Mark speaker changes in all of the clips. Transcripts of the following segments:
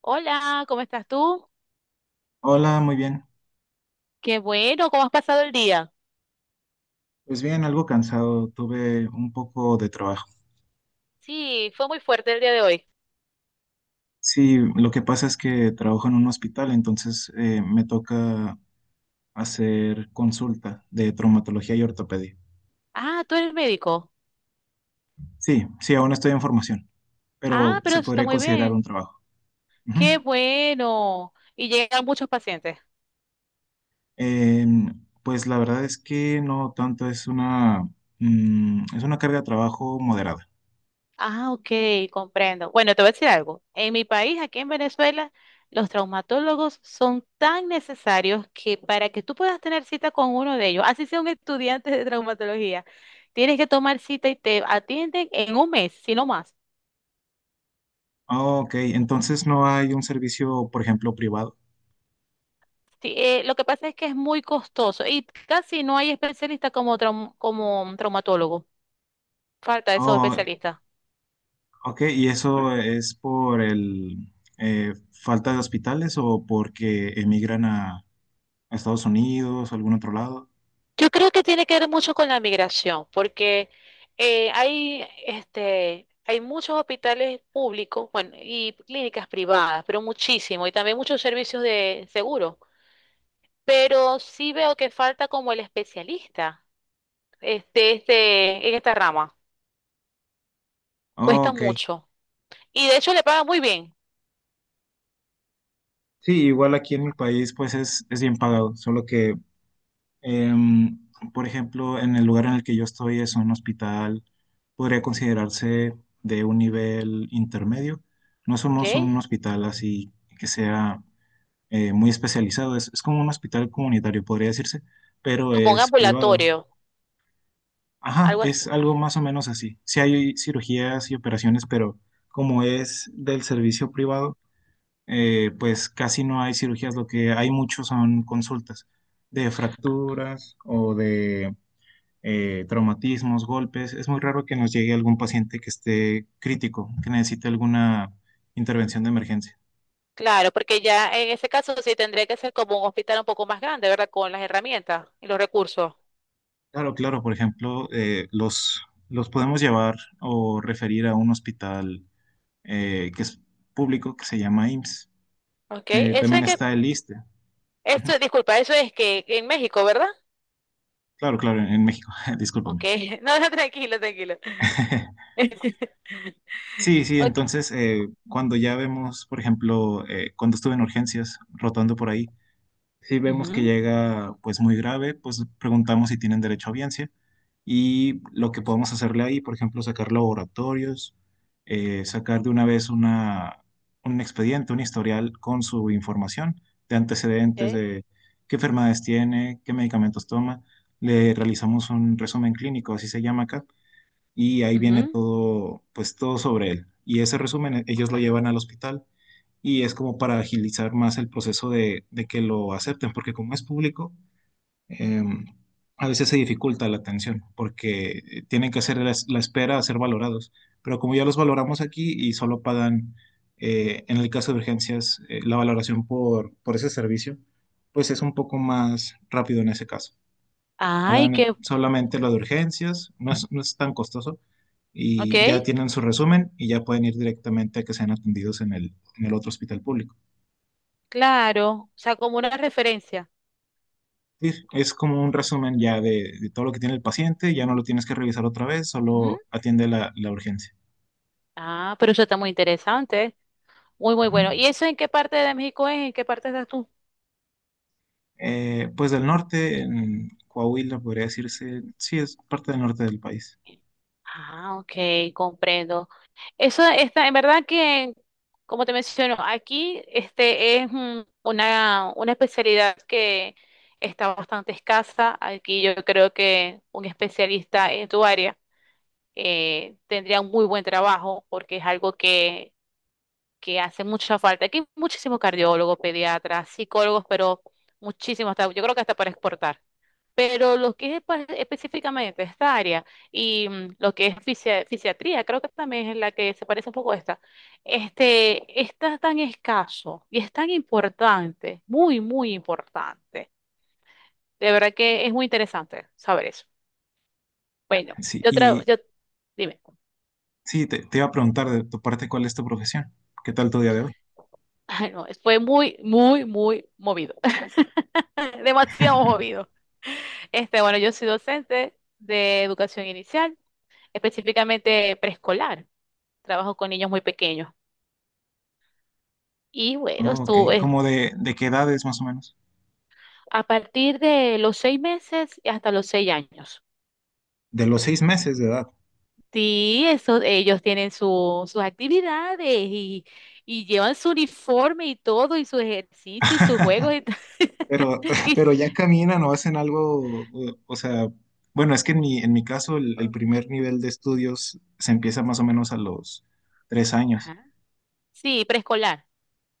Speaker 1: Hola, ¿cómo estás tú?
Speaker 2: Hola, muy bien.
Speaker 1: Qué bueno, ¿cómo has pasado el día?
Speaker 2: Pues bien, algo cansado, tuve un poco de trabajo.
Speaker 1: Sí, fue muy fuerte el día de hoy.
Speaker 2: Sí, lo que pasa es que trabajo en un hospital, entonces me toca hacer consulta de traumatología y ortopedia.
Speaker 1: Ah, tú eres médico.
Speaker 2: Sí, sí, aún estoy en formación, pero
Speaker 1: Ah, pero
Speaker 2: se
Speaker 1: eso está
Speaker 2: podría
Speaker 1: muy
Speaker 2: considerar
Speaker 1: bien.
Speaker 2: un trabajo. Ujú.
Speaker 1: Qué bueno. Y llegan muchos pacientes.
Speaker 2: Pues la verdad es que no tanto, es una carga de trabajo moderada.
Speaker 1: Ah, ok, comprendo. Bueno, te voy a decir algo. En mi país, aquí en Venezuela, los traumatólogos son tan necesarios que para que tú puedas tener cita con uno de ellos, así sea un estudiante de traumatología, tienes que tomar cita y te atienden en un mes, si no más.
Speaker 2: Ah, ok, entonces no hay un servicio, por ejemplo, privado.
Speaker 1: Sí, lo que pasa es que es muy costoso y casi no hay especialista como, como traumatólogo. Falta esos
Speaker 2: Oh,
Speaker 1: especialistas.
Speaker 2: ok, ¿y eso es por el falta de hospitales o porque emigran a Estados Unidos o algún otro lado?
Speaker 1: Yo creo que tiene que ver mucho con la migración, porque hay, este, hay muchos hospitales públicos, bueno, y clínicas privadas, pero muchísimo, y también muchos servicios de seguro. Pero sí veo que falta como el especialista, este, en esta rama.
Speaker 2: Oh,
Speaker 1: Cuesta
Speaker 2: ok,
Speaker 1: mucho. Y de hecho le pagan muy bien.
Speaker 2: sí, igual aquí en mi país pues es bien pagado, solo que, em, por ejemplo, en el lugar en el que yo estoy es un hospital, podría considerarse de un nivel intermedio. No
Speaker 1: ¿Ok?
Speaker 2: somos un hospital así que sea muy especializado, es como un hospital comunitario, podría decirse, pero
Speaker 1: Como un
Speaker 2: es privado.
Speaker 1: ambulatorio.
Speaker 2: Ajá,
Speaker 1: Algo
Speaker 2: es
Speaker 1: así.
Speaker 2: algo más o menos así. Sí hay cirugías y operaciones, pero como es del servicio privado, pues casi no hay cirugías. Lo que hay mucho son consultas de fracturas o de traumatismos, golpes. Es muy raro que nos llegue algún paciente que esté crítico, que necesite alguna intervención de emergencia.
Speaker 1: Claro, porque ya en ese caso sí tendría que ser como un hospital un poco más grande, ¿verdad? Con las herramientas y los recursos.
Speaker 2: Claro, claro, por ejemplo, los podemos llevar o referir a un hospital que es público, que se llama IMSS.
Speaker 1: ¿Ok? Eso
Speaker 2: También
Speaker 1: es que,
Speaker 2: está el ISSSTE.
Speaker 1: esto, disculpa, eso es que en México, ¿verdad?
Speaker 2: Claro, claro, en México,
Speaker 1: Ok,
Speaker 2: discúlpame.
Speaker 1: no, no, tranquilo, tranquilo.
Speaker 2: Sí, sí,
Speaker 1: Ok.
Speaker 2: entonces cuando ya vemos, por ejemplo, cuando estuve en urgencias, rotando por ahí. Si vemos que
Speaker 1: Ujú,
Speaker 2: llega pues muy grave, pues preguntamos si tienen derecho a audiencia y lo que podemos hacerle ahí, por ejemplo, sacar laboratorios, sacar de una vez un expediente, un historial con su información de antecedentes,
Speaker 1: ok,
Speaker 2: de qué enfermedades tiene, qué medicamentos toma. Le realizamos un resumen clínico, así se llama acá, y ahí viene
Speaker 1: ujú.
Speaker 2: todo, pues todo sobre él. Y ese resumen ellos lo llevan al hospital y es como para agilizar más el proceso de que lo acepten, porque como es público, eh, a veces se dificulta la atención, porque tienen que hacer la espera a ser valorados, pero como ya los valoramos aquí y solo pagan, en el caso de urgencias, la valoración por ese servicio, pues es un poco más rápido en ese caso.
Speaker 1: Ay, qué,
Speaker 2: Pagan solamente lo de urgencias, no es tan costoso
Speaker 1: ok,
Speaker 2: y ya tienen su resumen y ya pueden ir directamente a que sean atendidos en el otro hospital público.
Speaker 1: claro, o sea, como una referencia.
Speaker 2: Sí, es como un resumen ya de todo lo que tiene el paciente, ya no lo tienes que revisar otra vez,
Speaker 1: Ujú.
Speaker 2: solo atiende la urgencia.
Speaker 1: Ah, pero eso está muy interesante, muy, muy
Speaker 2: Ujú.
Speaker 1: bueno. ¿Y eso en qué parte de México es? ¿En qué parte estás tú?
Speaker 2: Pues del norte, en Coahuila podría decirse, sí, es parte del norte del país.
Speaker 1: Ah, ok, comprendo. Eso está, en verdad que, como te menciono, aquí este es una especialidad que está bastante escasa. Aquí yo creo que un especialista en tu área tendría un muy buen trabajo porque es algo que hace mucha falta. Aquí hay muchísimos cardiólogos, pediatras, psicólogos, pero muchísimos, yo creo que hasta para exportar. Pero lo que es específicamente esta área y lo que es fisiatría, creo que también es la que se parece un poco a esta, este, está tan escaso y es tan importante, muy, muy importante. De verdad que es muy interesante saber eso. Bueno,
Speaker 2: Sí,
Speaker 1: yo, tra-
Speaker 2: y
Speaker 1: yo dime.
Speaker 2: sí, te iba a preguntar de tu parte cuál es tu profesión, qué tal tu día de hoy.
Speaker 1: Ay, no, fue muy, muy, muy movido. Demasiado movido. Este, bueno, yo soy docente de educación inicial, específicamente preescolar. Trabajo con niños muy pequeños. Y bueno,
Speaker 2: Oh, ok,
Speaker 1: estuve
Speaker 2: ¿como de qué edad es más o menos?
Speaker 1: a partir de los 6 meses hasta los 6 años.
Speaker 2: De los 6 meses de edad.
Speaker 1: Sí, eso, ellos tienen sus actividades y llevan su uniforme y todo, y sus ejercicios y sus juegos. Y,
Speaker 2: Pero,
Speaker 1: y-
Speaker 2: pero ya caminan o hacen algo, o sea, bueno, es que en mi caso el primer nivel de estudios se empieza más o menos a los 3 años.
Speaker 1: Ajá. Sí, preescolar,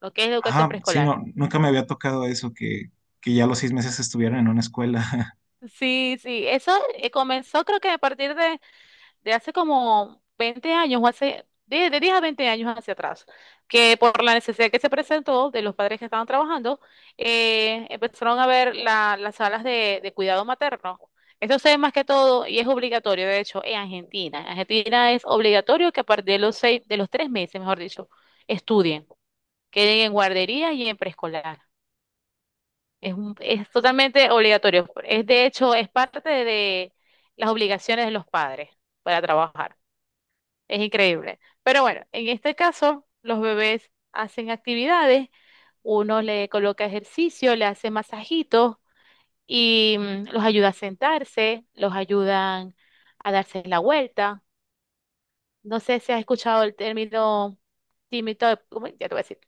Speaker 1: lo que es educación
Speaker 2: Ajá, sí,
Speaker 1: preescolar.
Speaker 2: no, nunca me había tocado eso, que ya a los 6 meses estuvieran en una escuela.
Speaker 1: Sí, sí, eso comenzó creo que a partir de hace como 20 años o hace de 10 a 20 años hacia atrás, que por la necesidad que se presentó de los padres que estaban trabajando, empezaron a ver las salas de cuidado materno. Eso se ve más que todo y es obligatorio, de hecho, en Argentina. En Argentina es obligatorio que a partir de los seis, de los 3 meses, mejor dicho, estudien, queden en guardería y en preescolar. Es, es totalmente obligatorio. Es de hecho, es parte de las obligaciones de los padres para trabajar. Es increíble. Pero bueno, en este caso, los bebés hacen actividades, uno le coloca ejercicio, le hace masajitos y los ayuda a sentarse, los ayudan a darse la vuelta. No sé si has escuchado el término timitone, ya te voy a decir,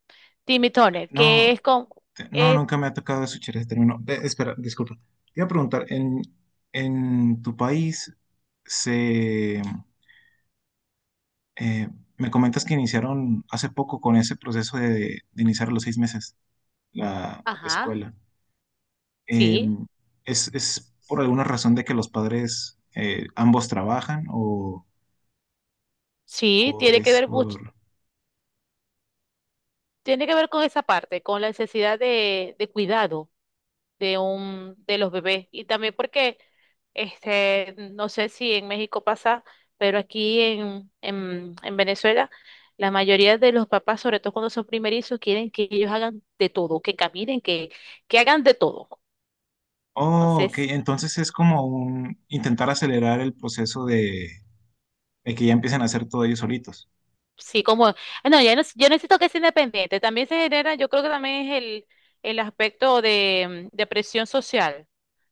Speaker 1: timitones, que
Speaker 2: No,
Speaker 1: es con,
Speaker 2: no,
Speaker 1: es,
Speaker 2: nunca me ha tocado eso, Chere, termino. Ve, espera, disculpa. Te iba a preguntar, en tu país se... eh, me comentas que iniciaron hace poco con ese proceso de iniciar a los 6 meses la
Speaker 1: ajá,
Speaker 2: escuela. eh,
Speaker 1: sí.
Speaker 2: es por alguna razón de que los padres ambos trabajan o,
Speaker 1: Sí,
Speaker 2: o
Speaker 1: tiene que
Speaker 2: es
Speaker 1: ver
Speaker 2: por...
Speaker 1: mucho, tiene que ver con esa parte, con la necesidad de cuidado de un, de los bebés. Y también porque, este, no sé si en México pasa, pero aquí en Venezuela, la mayoría de los papás, sobre todo cuando son primerizos, quieren que ellos hagan de todo, que caminen, que hagan de todo.
Speaker 2: Oh, ok,
Speaker 1: Entonces,
Speaker 2: entonces es como un intentar acelerar el proceso de que ya empiecen a hacer todo ellos solitos.
Speaker 1: sí, como, ah, no, ya no, yo necesito que sea independiente. También se genera, yo creo que también es el aspecto de, de presión social.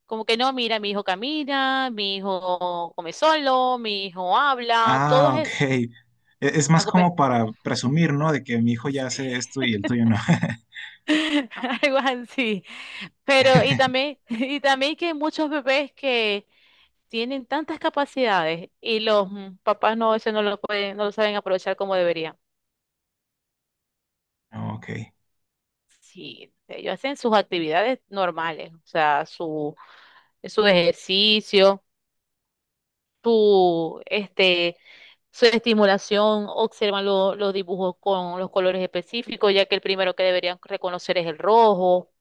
Speaker 1: Como que no, mira, mi hijo camina, mi hijo come solo, mi hijo habla, todo
Speaker 2: Ah, ok.
Speaker 1: es
Speaker 2: Es más
Speaker 1: algo pe-
Speaker 2: como para presumir, ¿no? De que mi hijo ya hace esto y el tuyo no.
Speaker 1: algo así. Pero, y también, y también que hay muchos bebés que tienen tantas capacidades y los papás no, eso no lo pueden, no lo saben aprovechar como deberían.
Speaker 2: Ah, ok.
Speaker 1: Sí, ellos hacen sus actividades normales, o sea, su ejercicio, su, este, su estimulación, observan los dibujos con los colores específicos, ya que el primero que deberían reconocer es el rojo,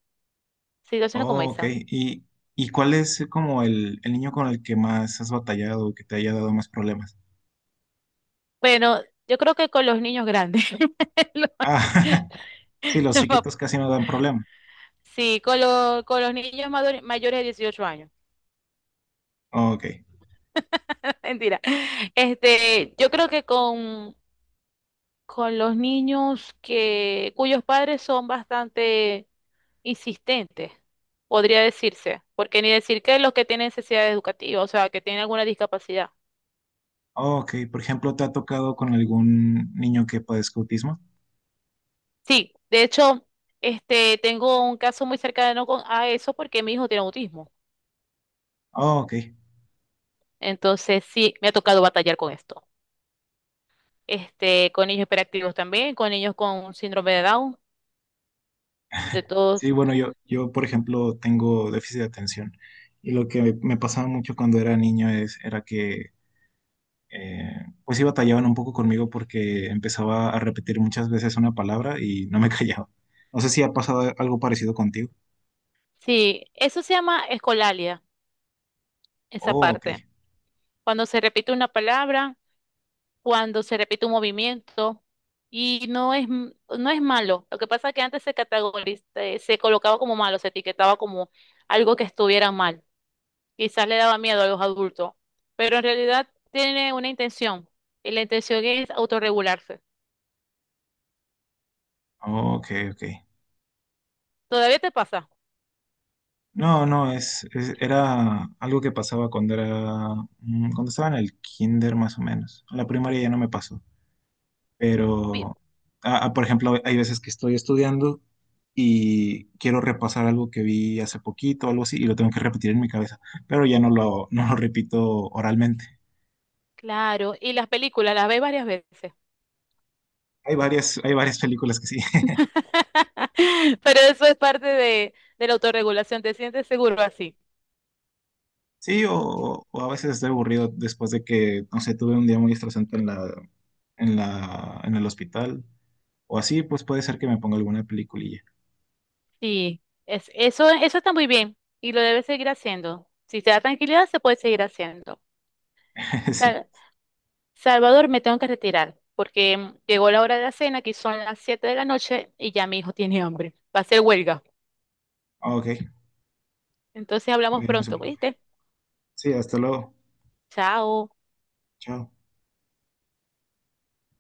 Speaker 1: situaciones como
Speaker 2: Oh, ok.
Speaker 1: esa.
Speaker 2: ¿Y cuál es como el niño con el que más has batallado o que te haya dado más problemas?
Speaker 1: Bueno, yo creo que con los niños grandes, los-
Speaker 2: Ah, Sí, los
Speaker 1: los pap-
Speaker 2: chiquitos casi no dan problema.
Speaker 1: sí, con los niños mayores de 18 años,
Speaker 2: Ok.
Speaker 1: mentira. Este, yo creo que con los niños que, cuyos padres son bastante insistentes, podría decirse, porque ni decir que los que tienen necesidad educativa, o sea, que tienen alguna discapacidad.
Speaker 2: Ok, por ejemplo, ¿te ha tocado con algún niño que padezca autismo?
Speaker 1: Sí, de hecho, este, tengo un caso muy cercano con, a eso porque mi hijo tiene autismo.
Speaker 2: Oh, ok.
Speaker 1: Entonces, sí, me ha tocado batallar con esto. Este, con niños hiperactivos también, con niños con síndrome de Down, de
Speaker 2: Sí,
Speaker 1: todos.
Speaker 2: bueno, yo, por ejemplo, tengo déficit de atención. Y lo que me pasaba mucho cuando era niño era que, eh, pues sí batallaban un poco conmigo porque empezaba a repetir muchas veces una palabra y no me callaba. No sé si ha pasado algo parecido contigo.
Speaker 1: Sí, eso se llama escolalia, esa
Speaker 2: Oh, ok.
Speaker 1: parte. Cuando se repite una palabra cuando se repite un movimiento y no es malo. Lo que pasa es que antes se categoriza, se colocaba como malo, se etiquetaba como algo que estuviera mal. Quizás le daba miedo a los adultos, pero en realidad tiene una intención y la intención es autorregularse.
Speaker 2: Oh, ok, ok.
Speaker 1: ¿Todavía te pasa?
Speaker 2: No, no, era algo que pasaba cuando estaba en el kinder más o menos. En la primaria ya no me pasó,
Speaker 1: Vi-
Speaker 2: pero, por ejemplo, hay veces que estoy estudiando y quiero repasar algo que vi hace poquito, algo así, y lo tengo que repetir en mi cabeza, pero ya no lo repito oralmente.
Speaker 1: Claro, y las películas las ves varias veces.
Speaker 2: Hay varias películas que sí.
Speaker 1: Pero eso es parte de la autorregulación, te sientes seguro así.
Speaker 2: Sí, o a veces estoy aburrido después de que, no sé, tuve un día muy estresante en el hospital. O así, pues puede ser que me ponga alguna peliculilla.
Speaker 1: Sí, es, eso está muy bien y lo debes seguir haciendo. Si te da tranquilidad, se puede seguir haciendo.
Speaker 2: Sí.
Speaker 1: Sal- Salvador, me tengo que retirar porque llegó la hora de la cena, aquí son las 7 de la noche y ya mi hijo tiene hambre. Va a ser huelga.
Speaker 2: Ok,
Speaker 1: Entonces
Speaker 2: ok,
Speaker 1: hablamos
Speaker 2: no se
Speaker 1: pronto,
Speaker 2: preocupe.
Speaker 1: ¿viste?
Speaker 2: Sí, hasta luego.
Speaker 1: Chao.
Speaker 2: Chao.